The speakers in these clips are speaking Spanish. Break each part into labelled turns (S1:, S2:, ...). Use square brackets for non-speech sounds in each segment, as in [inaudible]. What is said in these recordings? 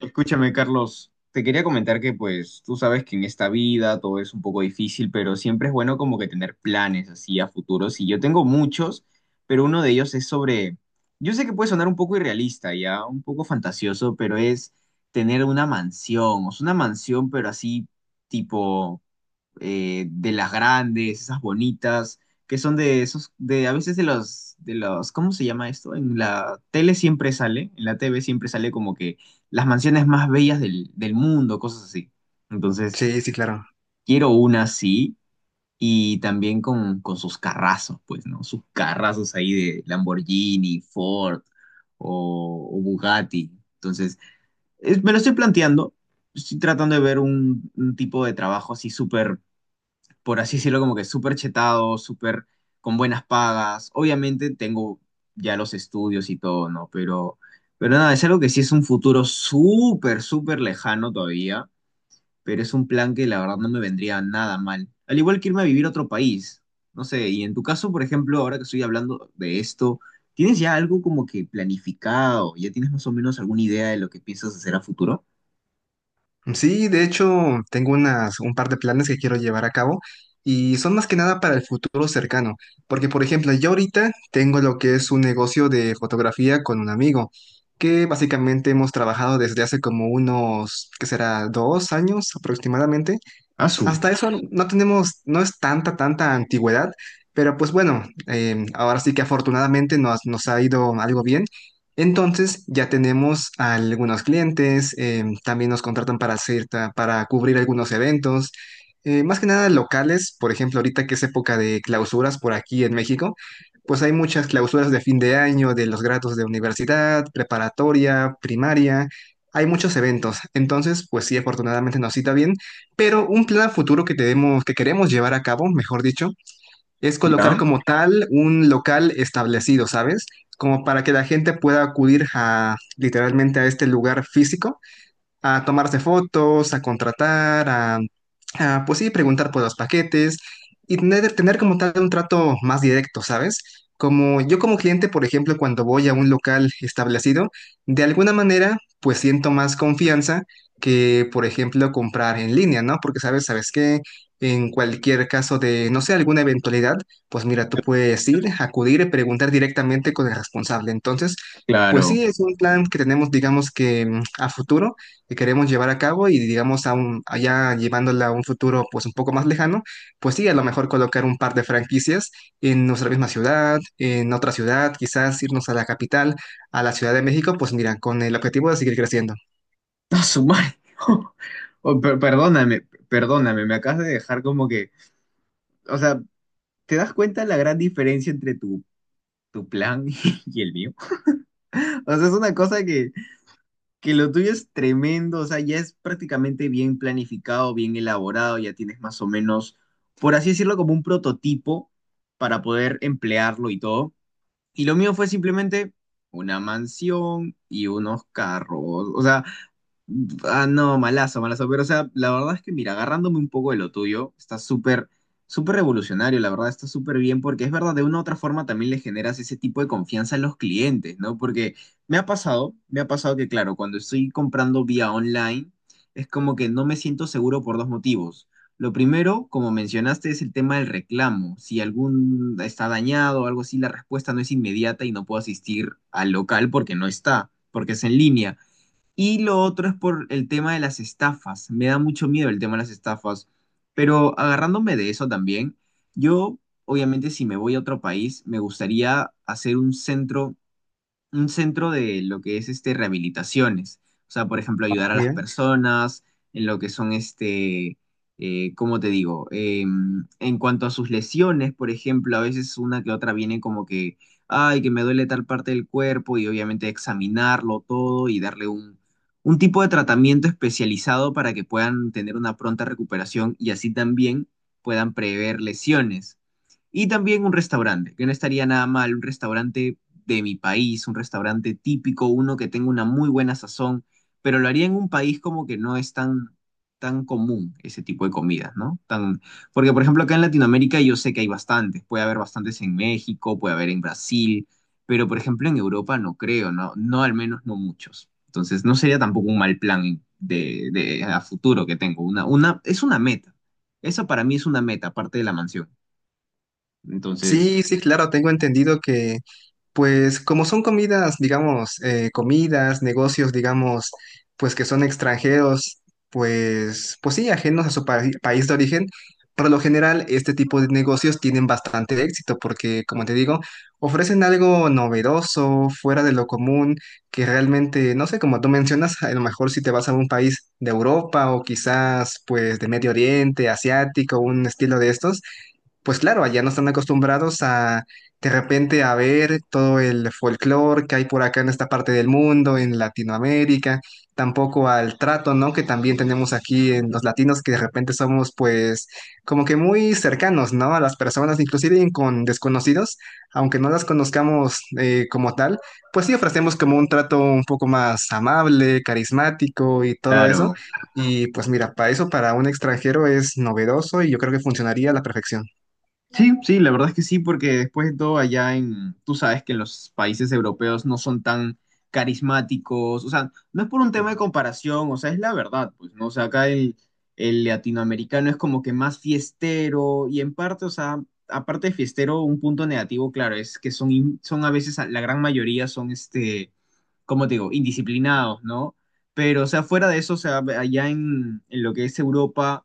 S1: Escúchame, Carlos, te quería comentar que pues tú sabes que en esta vida todo es un poco difícil, pero siempre es bueno como que tener planes así a futuros. Y yo tengo muchos, pero uno de ellos es sobre, yo sé que puede sonar un poco irrealista, ya un poco fantasioso, pero es tener una mansión, o sea, una mansión, pero así tipo de las grandes, esas bonitas, que son de esos, de a veces de los, ¿cómo se llama esto? En la tele siempre sale, en la TV siempre sale como que las mansiones más bellas del mundo, cosas así. Entonces,
S2: Sí, sí, claro.
S1: quiero una así y también con sus carrazos, pues, ¿no? Sus carrazos ahí de Lamborghini, Ford o Bugatti. Entonces, me lo estoy planteando, estoy tratando de ver un tipo de trabajo así súper por así decirlo, como que súper chetado, súper con buenas pagas. Obviamente tengo ya los estudios y todo, ¿no? Pero nada, es algo que sí es un futuro súper, súper lejano todavía, pero es un plan que la verdad no me vendría nada mal. Al igual que irme a vivir a otro país, no sé, y en tu caso, por ejemplo, ahora que estoy hablando de esto, ¿tienes ya algo como que planificado? ¿Ya tienes más o menos alguna idea de lo que piensas hacer a futuro?
S2: Sí, de hecho, tengo un par de planes que quiero llevar a cabo y son más que nada para el futuro cercano, porque por ejemplo, yo ahorita tengo lo que es un negocio de fotografía con un amigo, que básicamente hemos trabajado desde hace como unos, ¿qué será? 2 años aproximadamente.
S1: Asu,
S2: Hasta eso no tenemos, no es tanta antigüedad, pero pues bueno, ahora sí que afortunadamente nos ha ido algo bien. Entonces ya tenemos a algunos clientes, también nos contratan para cubrir algunos eventos, más que nada locales. Por ejemplo, ahorita que es época de clausuras por aquí en México, pues hay muchas clausuras de fin de año, de los grados de universidad, preparatoria, primaria, hay muchos eventos. Entonces, pues sí, afortunadamente nos cita bien, pero un plan a futuro que tenemos, que queremos llevar a cabo, mejor dicho, es colocar
S1: ¿ya?
S2: como tal un local establecido, ¿sabes? Como para que la gente pueda acudir a literalmente a este lugar físico a tomarse fotos, a contratar, pues sí, preguntar por los paquetes y tener como tal un trato más directo, ¿sabes? Como yo como cliente, por ejemplo, cuando voy a un local establecido, de alguna manera, pues siento más confianza que, por ejemplo, comprar en línea, ¿no? Porque, ¿sabes? ¿Sabes qué? En cualquier caso de, no sé, alguna eventualidad, pues mira, tú puedes ir, acudir y preguntar directamente con el responsable. Entonces, pues
S1: Claro.
S2: sí, es un plan que tenemos, digamos que a futuro, que queremos llevar a cabo, y digamos allá llevándola a un futuro pues un poco más lejano, pues sí, a lo mejor colocar un par de franquicias en nuestra misma ciudad, en otra ciudad, quizás irnos a la capital, a la Ciudad de México, pues mira, con el objetivo de seguir creciendo.
S1: No, su madre. [laughs] Oh, perdóname, perdóname, me acabas de dejar como que, o sea, ¿te das cuenta la gran diferencia entre tu, tu plan [laughs] y el mío? O sea, es una cosa que lo tuyo es tremendo, o sea, ya es prácticamente bien planificado, bien elaborado, ya tienes más o menos, por así decirlo, como un prototipo para poder emplearlo y todo. Y lo mío fue simplemente una mansión y unos carros, o sea, ah, no, malazo, malazo. Pero, o sea, la verdad es que, mira, agarrándome un poco de lo tuyo, está súper, súper revolucionario, la verdad, está súper bien, porque es verdad, de una u otra forma también le generas ese tipo de confianza a los clientes, ¿no? Porque me ha pasado que, claro, cuando estoy comprando vía online, es como que no me siento seguro por dos motivos. Lo primero, como mencionaste, es el tema del reclamo. Si algún está dañado o algo así, la respuesta no es inmediata y no puedo asistir al local porque no está, porque es en línea. Y lo otro es por el tema de las estafas. Me da mucho miedo el tema de las estafas. Pero agarrándome de eso también, yo obviamente si me voy a otro país, me gustaría hacer un centro de lo que es este rehabilitaciones. O sea, por ejemplo,
S2: ¿No?
S1: ayudar a las
S2: Mira.
S1: personas en lo que son este, ¿cómo te digo? En cuanto a sus lesiones, por ejemplo, a veces una que otra viene como que, ay, que me duele tal parte del cuerpo y obviamente examinarlo todo y darle un tipo de tratamiento especializado para que puedan tener una pronta recuperación y así también puedan prever lesiones. Y también un restaurante, que no estaría nada mal, un restaurante de mi país, un restaurante típico, uno que tenga una muy buena sazón, pero lo haría en un país como que no es tan, tan común ese tipo de comidas, ¿no? Tan, porque, por ejemplo, acá en Latinoamérica yo sé que hay bastantes, puede haber bastantes en México, puede haber en Brasil, pero, por ejemplo, en Europa no creo, ¿no? No, al menos no muchos. Entonces, no sería tampoco un mal plan de a futuro que tengo. Una, es una meta. Eso para mí es una meta, aparte de la mansión. Entonces,
S2: Sí, sí, claro, tengo entendido que, pues como son comidas, digamos, comidas, negocios, digamos, pues que son extranjeros, pues sí, ajenos a su país de origen, por lo general este tipo de negocios tienen bastante éxito porque, como te digo, ofrecen algo novedoso, fuera de lo común, que realmente, no sé, como tú mencionas, a lo mejor si te vas a un país de Europa o quizás pues de Medio Oriente, asiático, un estilo de estos, pues claro, allá no están acostumbrados a de repente a ver todo el folclore que hay por acá en esta parte del mundo, en Latinoamérica, tampoco al trato, ¿no? Que también tenemos aquí en los latinos, que de repente somos pues como que muy cercanos, ¿no? A las personas, inclusive con desconocidos, aunque no las conozcamos, como tal, pues sí ofrecemos como un trato un poco más amable, carismático y todo eso.
S1: claro.
S2: Y pues mira, para eso, para un extranjero es novedoso y yo creo que funcionaría a la perfección.
S1: Sí, sí, la verdad es que sí, porque después de todo allá en, tú sabes que en los países europeos no son tan carismáticos, o sea, no es por un tema de comparación, o sea, es la verdad, pues, ¿no? O sea, acá el latinoamericano es como que más fiestero y en parte, o sea, aparte de fiestero, un punto negativo, claro, es que son, son a veces, la gran mayoría son, este, como te digo, indisciplinados, ¿no? Pero, o sea, fuera de eso, o sea, allá en lo que es Europa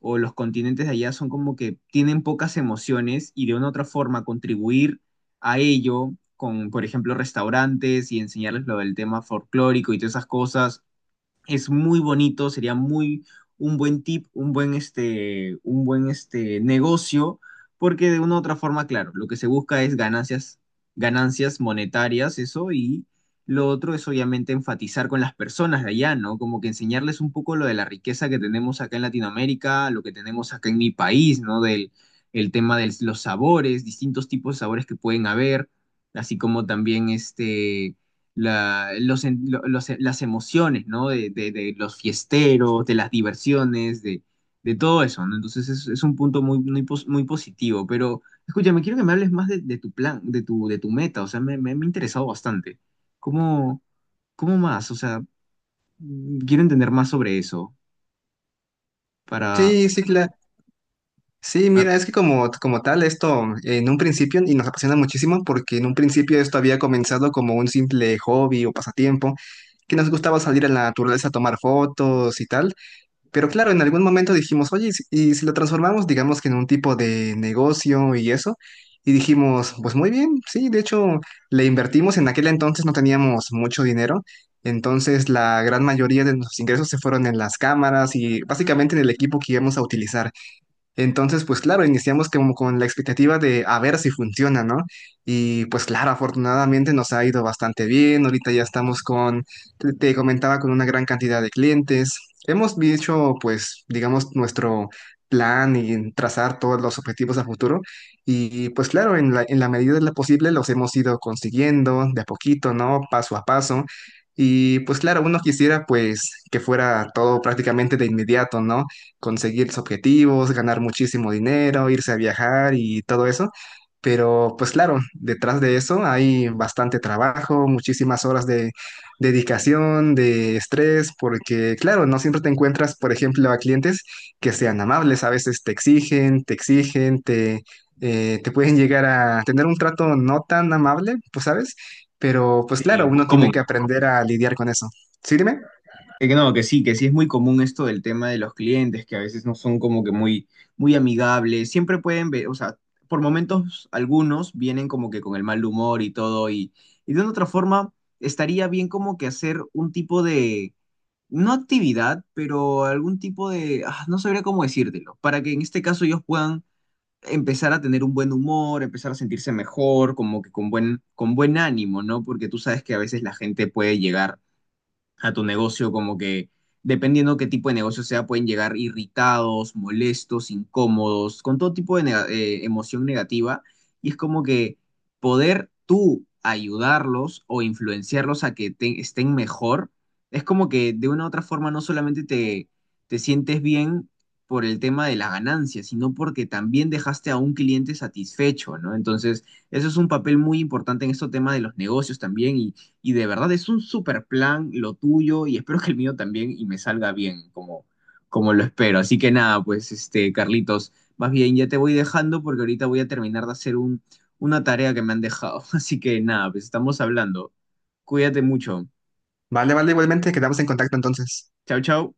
S1: o los continentes de allá son como que tienen pocas emociones y de una u otra forma contribuir a ello con, por ejemplo, restaurantes y enseñarles lo del tema folclórico y todas esas cosas, es muy bonito, sería muy un buen tip, un buen este, negocio, porque de una u otra forma, claro, lo que se busca es ganancias, ganancias monetarias, eso, y lo otro es obviamente enfatizar con las personas de allá, ¿no? Como que enseñarles un poco lo de la riqueza que tenemos acá en Latinoamérica, lo que tenemos acá en mi país, ¿no? Del el tema de los sabores, distintos tipos de sabores que pueden haber, así como también este la, los, las emociones, ¿no? De, de los fiesteros, de las diversiones, de todo eso, ¿no? Entonces es un punto muy, muy, muy positivo, pero escúchame, quiero que me hables más de tu plan, de tu meta, o sea, me ha interesado bastante. ¿Cómo, cómo más? O sea, quiero entender más sobre eso, para...
S2: Sí, sí, claro. Sí,
S1: a-
S2: mira, es que como, como tal, esto en un principio, y nos apasiona muchísimo, porque en un principio esto había comenzado como un simple hobby o pasatiempo, que nos gustaba salir a la naturaleza a tomar fotos y tal. Pero claro, en algún momento dijimos, oye, y si lo transformamos, digamos, que en un tipo de negocio y eso, y dijimos, pues muy bien, sí, de hecho, le invertimos, en aquel entonces no teníamos mucho dinero, entonces la gran mayoría de nuestros ingresos se fueron en las cámaras y básicamente en el equipo que íbamos a utilizar. Entonces, pues claro, iniciamos como con la expectativa de a ver si funciona, ¿no? Y pues claro, afortunadamente nos ha ido bastante bien. Ahorita ya estamos con, te comentaba, con una gran cantidad de clientes. Hemos dicho, pues, digamos, nuestro plan, y trazar todos los objetivos a futuro. Y pues claro, en la medida de lo posible los hemos ido consiguiendo de a poquito, ¿no? Paso a paso. Y pues claro, uno quisiera pues que fuera todo prácticamente de inmediato, ¿no? Conseguir sus objetivos, ganar muchísimo dinero, irse a viajar y todo eso. Pero pues claro, detrás de eso hay bastante trabajo, muchísimas horas de dedicación, de estrés, porque claro, no siempre te encuentras, por ejemplo, a clientes que sean amables, a veces te exigen, te pueden llegar a tener un trato no tan amable, pues sabes, pero pues
S1: Sí,
S2: claro,
S1: muy
S2: uno tiene que
S1: común.
S2: aprender a lidiar con eso. ¿Sí, dime?
S1: Que no, que sí es muy común esto del tema de los clientes, que a veces no son como que muy, muy amigables. Siempre pueden ver, o sea, por momentos algunos vienen como que con el mal humor y todo, y de una otra forma estaría bien como que hacer un tipo de, no actividad, pero algún tipo de, ah, no sabría cómo decírtelo, para que en este caso ellos puedan empezar a tener un buen humor, empezar a sentirse mejor, como que con buen ánimo, ¿no? Porque tú sabes que a veces la gente puede llegar a tu negocio, como que dependiendo qué tipo de negocio sea, pueden llegar irritados, molestos, incómodos, con todo tipo de emoción negativa. Y es como que poder tú ayudarlos o influenciarlos a que estén mejor, es como que de una u otra forma no solamente te, te sientes bien por el tema de la ganancia, sino porque también dejaste a un cliente satisfecho, ¿no? Entonces, eso es un papel muy importante en este tema de los negocios también y de verdad es un super plan lo tuyo y espero que el mío también y me salga bien como, como lo espero. Así que nada, pues este, Carlitos, más bien ya te voy dejando porque ahorita voy a terminar de hacer un, una tarea que me han dejado. [laughs] Así que nada, pues estamos hablando. Cuídate mucho.
S2: Vale, vale, igualmente, quedamos en contacto entonces.
S1: Chao, chao.